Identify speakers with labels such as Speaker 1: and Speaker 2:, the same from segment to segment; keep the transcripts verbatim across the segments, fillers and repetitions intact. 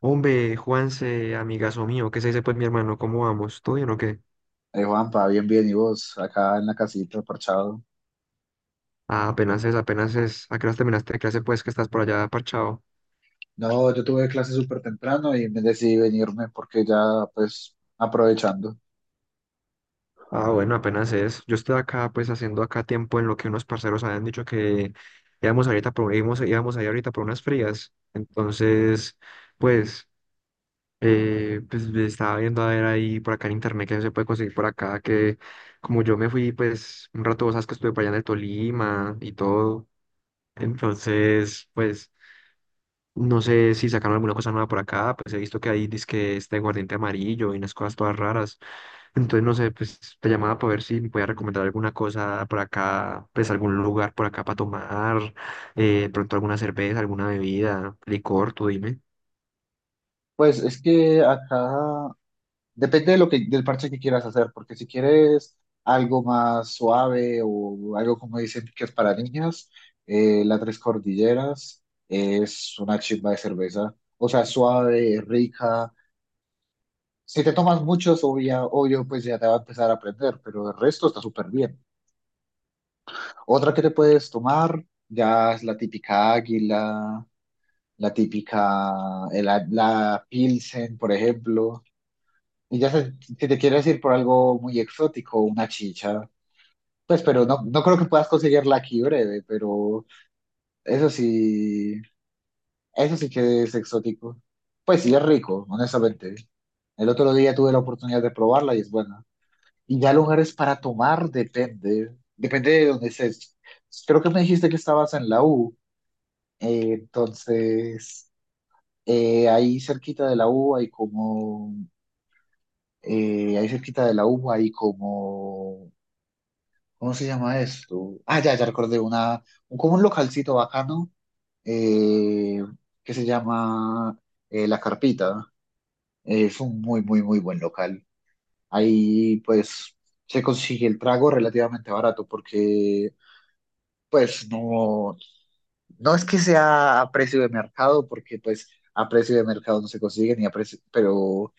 Speaker 1: Hombre, Juanse, amigazo mío, ¿qué se dice pues mi hermano? ¿Cómo vamos? ¿Todo bien o qué?
Speaker 2: Eh, Juanpa, bien, bien, ¿y vos? Acá en la casita, parchado.
Speaker 1: Ah, apenas es, apenas es. ¿A qué hora terminaste de clase pues que estás por allá parchado?
Speaker 2: No, yo tuve clase súper temprano y me decidí venirme porque ya, pues, aprovechando.
Speaker 1: Ah, bueno, apenas es. Yo estoy acá pues haciendo acá tiempo en lo que unos parceros habían dicho que íbamos ahorita por, íbamos, íbamos ahí ahorita por unas frías. Entonces, pues, eh, pues estaba viendo a ver ahí por acá en internet que se puede conseguir por acá, que como yo me fui pues un rato, vos sabes que estuve por allá en el Tolima y todo. Entonces, pues... No sé si sacaron alguna cosa nueva por acá, pues he visto que hay dizque este aguardiente amarillo y unas cosas todas raras. Entonces, no sé, pues te llamaba para ver si me podía recomendar alguna cosa por acá, pues algún lugar por acá para tomar, eh, pronto alguna cerveza, alguna bebida, licor, tú dime.
Speaker 2: Pues es que acá depende de lo que, del parche que quieras hacer, porque si quieres algo más suave o algo como dicen que es para niñas, eh, la Tres Cordilleras es una chimba de cerveza. O sea, suave, rica. Si te tomas muchos, obvia, obvio, pues ya te va a empezar a aprender, pero el resto está súper bien. Otra que te puedes tomar ya es la típica águila, la típica, eh, la, la Pilsen, por ejemplo. Y ya se- si si te quieres ir por algo muy exótico, una chicha, pues pero no, no creo que puedas conseguirla aquí breve, pero eso sí, eso sí que es exótico. Pues sí, es rico, honestamente. El otro día tuve la oportunidad de probarla y es buena. Y ya lugares para tomar depende, depende de dónde estés. Creo que me dijiste que estabas en la U. Eh, entonces, eh, ahí cerquita de la U hay como, eh, ahí cerquita de la U hay como, ¿cómo se llama esto? Ah, ya, ya recordé, una, como un localcito bacano eh, que se llama eh, La Carpita. Es un muy, muy, muy buen local. Ahí pues se consigue el trago relativamente barato porque pues no, no es que sea a precio de mercado, porque pues a precio de mercado no se consigue ni a precio, pero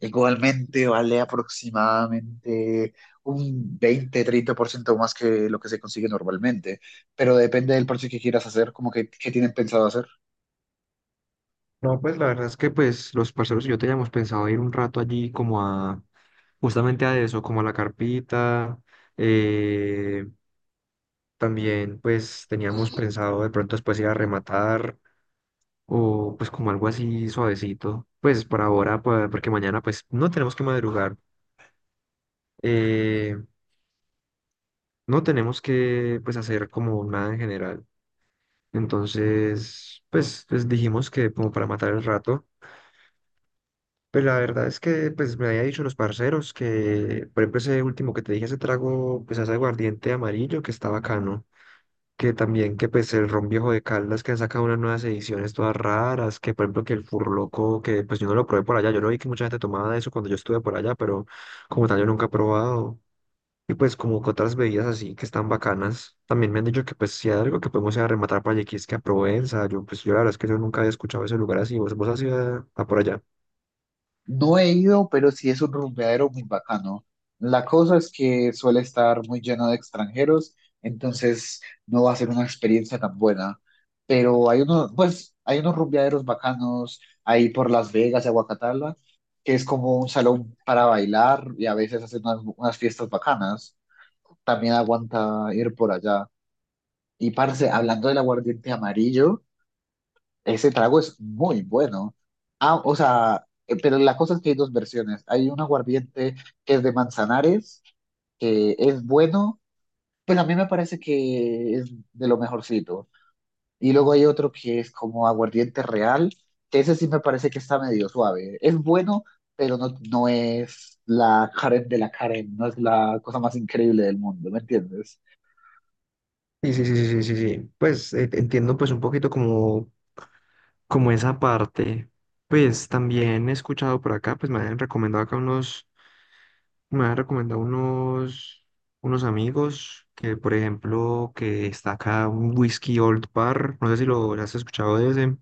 Speaker 2: igualmente vale aproximadamente un veinte treinta por ciento más que lo que se consigue normalmente, pero depende del precio que quieras hacer, como que, que tienen pensado hacer.
Speaker 1: No, pues la verdad es que pues los parceros y yo teníamos pensado ir un rato allí como a, justamente a eso, como a la carpita, eh, También pues teníamos pensado de pronto después ir a rematar o pues como algo así suavecito, pues por ahora, pa- porque mañana pues no tenemos que madrugar, eh, no tenemos que pues hacer como nada en general. Entonces, pues, pues dijimos que como para matar el rato, pero la verdad es que pues me había dicho los parceros que, por ejemplo, ese último que te dije, ese trago, pues ese aguardiente amarillo que está bacano. Que también que pues el ron viejo de Caldas que ha sacado unas nuevas ediciones todas raras, que por ejemplo que el Furloco, que pues yo no lo probé por allá, yo no vi que mucha gente tomaba de eso cuando yo estuve por allá, pero como tal yo nunca he probado. Y pues como que otras bebidas así que están bacanas, también me han dicho que pues si hay algo que podemos ir a rematar para Yequisque a Provenza, yo pues yo la verdad es que yo nunca había escuchado ese lugar así, vos, vos has ido a, a por allá.
Speaker 2: No he ido, pero sí es un rumbeadero muy bacano. La cosa es que suele estar muy lleno de extranjeros, entonces no va a ser una experiencia tan buena. Pero hay unos, pues, hay unos rumbeaderos bacanos ahí por Las Vegas y Aguacatala, que es como un salón para bailar y a veces hacen unas, unas fiestas bacanas. También aguanta ir por allá. Y parce, hablando del aguardiente amarillo. Ese trago es muy bueno. Ah, o sea, eh, pero la cosa es que hay dos versiones. Hay un aguardiente que es de Manzanares, que es bueno, pues a mí me parece que es de lo mejorcito. Y luego hay otro que es como aguardiente real, que ese sí me parece que está medio suave. Es bueno, pero no, no es la Karen de la Karen, no es la cosa más increíble del mundo, ¿me entiendes?
Speaker 1: Sí, sí, sí, sí, sí, sí, sí. Pues eh, entiendo pues un poquito como, como esa parte. Pues también he escuchado por acá, pues me han recomendado acá unos. Me han recomendado unos, unos amigos que, por ejemplo, que está acá un whisky Old Parr, no sé si lo has escuchado de ese,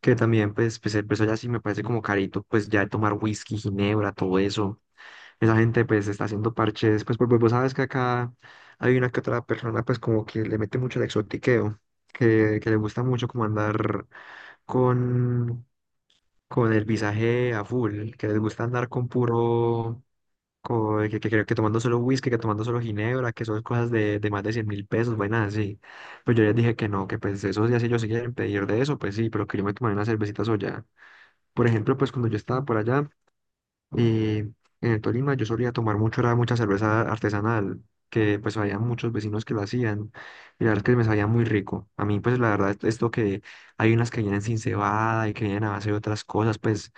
Speaker 1: que también, pues, pues, eh, pues allá sí me parece como carito, pues ya de tomar whisky, ginebra, todo eso. Esa gente, pues, está haciendo parches, pues, porque vos sabes que acá hay una que otra persona, pues, como que le mete mucho el exotiqueo, que, que le gusta mucho como andar con, con el visaje a full, que les gusta andar con puro co- que, que, creo que tomando solo whisky, que tomando solo ginebra, que son cosas de, de más de cien mil pesos, vainas así. Pues yo les dije que no, que pues esos días si ellos se quieren pedir de eso, pues sí, pero que yo me tomara una cervecita soya. Por ejemplo, pues cuando yo estaba por allá y en el Tolima, yo solía tomar mucho, era mucha cerveza artesanal, que pues había muchos vecinos que lo hacían, y la verdad es que me sabía muy rico. A mí, pues la verdad, esto que hay unas que vienen sin cebada y que vienen a base de otras cosas, pues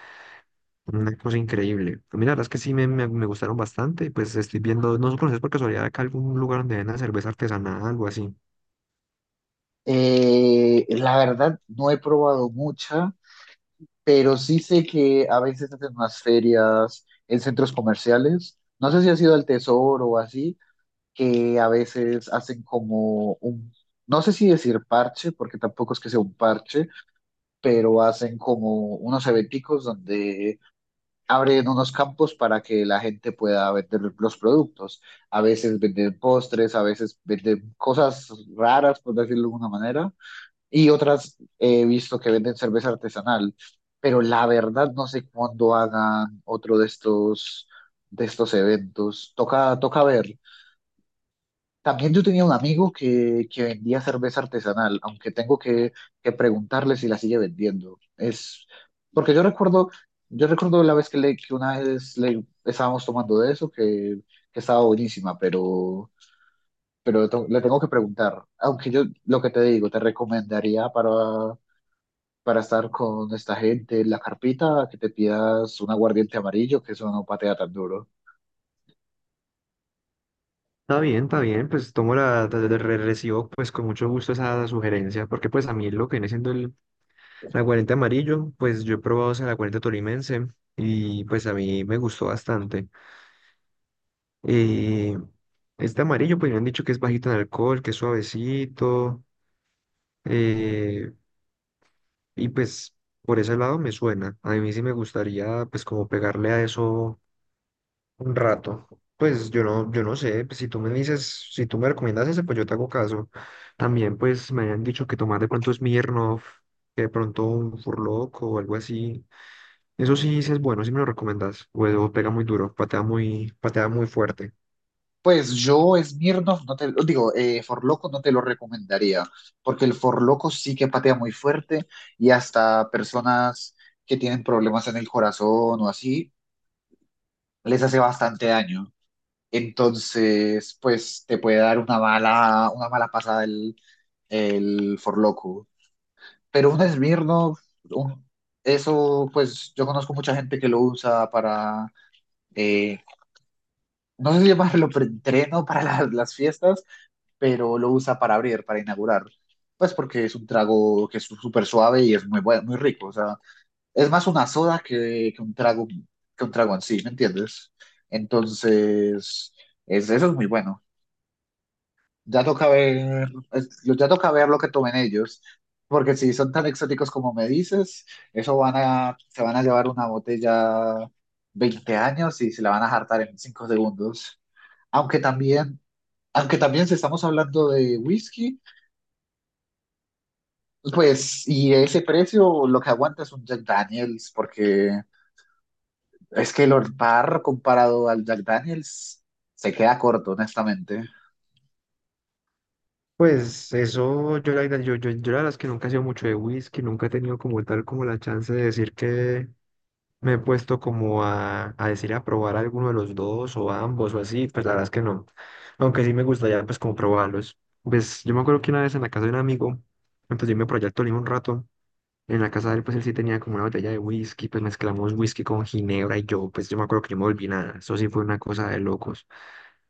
Speaker 1: una cosa increíble. Pues mira, la verdad es que sí me, me, me gustaron bastante. Pues estoy viendo, no sé, conoces por casualidad acá algún lugar donde venden cerveza artesanal, algo así.
Speaker 2: Eh, la verdad, no he probado mucha, pero sí sé que a veces hacen unas ferias en centros comerciales. No sé si ha sido al Tesoro o así, que a veces hacen como un, no sé si decir parche, porque tampoco es que sea un parche, pero hacen como unos eventicos donde abren unos campos para que la gente pueda vender los productos. A veces venden postres, a veces venden cosas raras, por decirlo de alguna manera, y otras eh, he visto que venden cerveza artesanal, pero la verdad no sé cuándo hagan otro de estos, de estos eventos. Toca, toca ver. También yo tenía un amigo que, que vendía cerveza artesanal, aunque tengo que, que preguntarle si la sigue vendiendo. Es porque yo recuerdo, yo recuerdo la vez que, le, que una vez le estábamos tomando de eso, que, que estaba buenísima, pero, pero le tengo que preguntar. Aunque yo lo que te digo, te recomendaría para para estar con esta gente en la carpita, que te pidas un aguardiente amarillo, que eso no patea tan duro.
Speaker 1: Está bien, está bien, pues tomo la, de- de- re- recibo pues con mucho gusto esa sugerencia, porque pues a mí lo que viene siendo el aguardiente amarillo, pues yo he probado ese aguardiente tolimense y pues a mí me gustó bastante. Eh, este amarillo pues me han dicho que es bajito en alcohol, que es suavecito, eh, y pues por ese lado me suena. A mí sí me gustaría pues como pegarle a eso un rato. Pues yo no, yo no sé, pues, si tú me dices, si tú me recomiendas ese, pues yo te hago caso. También pues me habían dicho que tomar de pronto Smirnoff, que de pronto un Furloco o algo así. Eso sí, sí es bueno, sí me lo recomiendas. O eso pega muy duro, patea muy, patea muy fuerte.
Speaker 2: Pues yo, Smirnoff, no te lo digo, eh, Forloco no te lo recomendaría, porque el Forloco sí que patea muy fuerte y hasta personas que tienen problemas en el corazón o así, les hace bastante daño. Entonces, pues te puede dar una mala, una mala pasada el, el Forloco. Pero un Smirnoff, un- eso pues yo conozco mucha gente que lo usa para, eh, no sé si llamarlo preentreno para la- las fiestas, pero lo usa para abrir, para inaugurar. Pues porque es un trago que es súper suave y es muy bueno, muy rico. O sea, es más una soda que, que un trago, que un trago en sí, ¿me entiendes? Entonces, es, eso es muy bueno. Ya toca ver, es- ya toca ver lo que tomen ellos, porque si son tan exóticos como me dices, eso van a, se van a llevar una botella veinte años y se la van a hartar en cinco segundos. Aunque también, aunque también si estamos hablando de whisky, pues, y ese precio, lo que aguanta es un Jack Daniels, porque es que el Old Parr comparado al Jack Daniels se queda corto, honestamente.
Speaker 1: Pues eso, yo la, verdad- yo, yo, yo la verdad es que nunca he sido mucho de whisky, nunca he tenido como tal como la chance de decir que me he puesto como a, a decir a probar alguno de los dos o ambos o así, pues la verdad es que no. Aunque sí me gustaría pues como probarlos. Pues yo me acuerdo que una vez en la casa de un amigo, entonces yo me proyecto Tolima un rato. En la casa de él, pues él sí tenía como una botella de whisky, pues mezclamos whisky con ginebra y yo, pues yo me acuerdo que yo me volví nada. Eso sí fue una cosa de locos.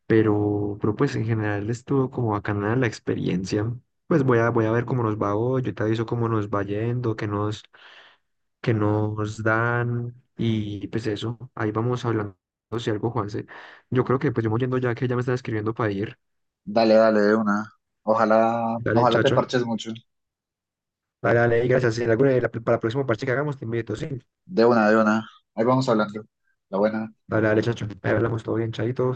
Speaker 1: Pero, pero pues en general estuvo como bacana la experiencia. Pues voy a, voy a ver cómo nos va hoy, yo te aviso cómo nos va yendo, qué nos que nos dan y pues eso, ahí vamos hablando si algo, Juanse. Yo creo que pues yo me voy yendo ya que ya me están escribiendo para ir.
Speaker 2: Dale, dale, de una. Ojalá,
Speaker 1: Dale,
Speaker 2: ojalá te
Speaker 1: chacho.
Speaker 2: parches mucho.
Speaker 1: Dale, dale, y gracias. Si en alguna- la- para el próximo parche que hagamos te invito, sí.
Speaker 2: De una, de una. Ahí vamos hablando. La buena.
Speaker 1: Dale, dale, chacho. Ahí hablamos todo bien, chaito.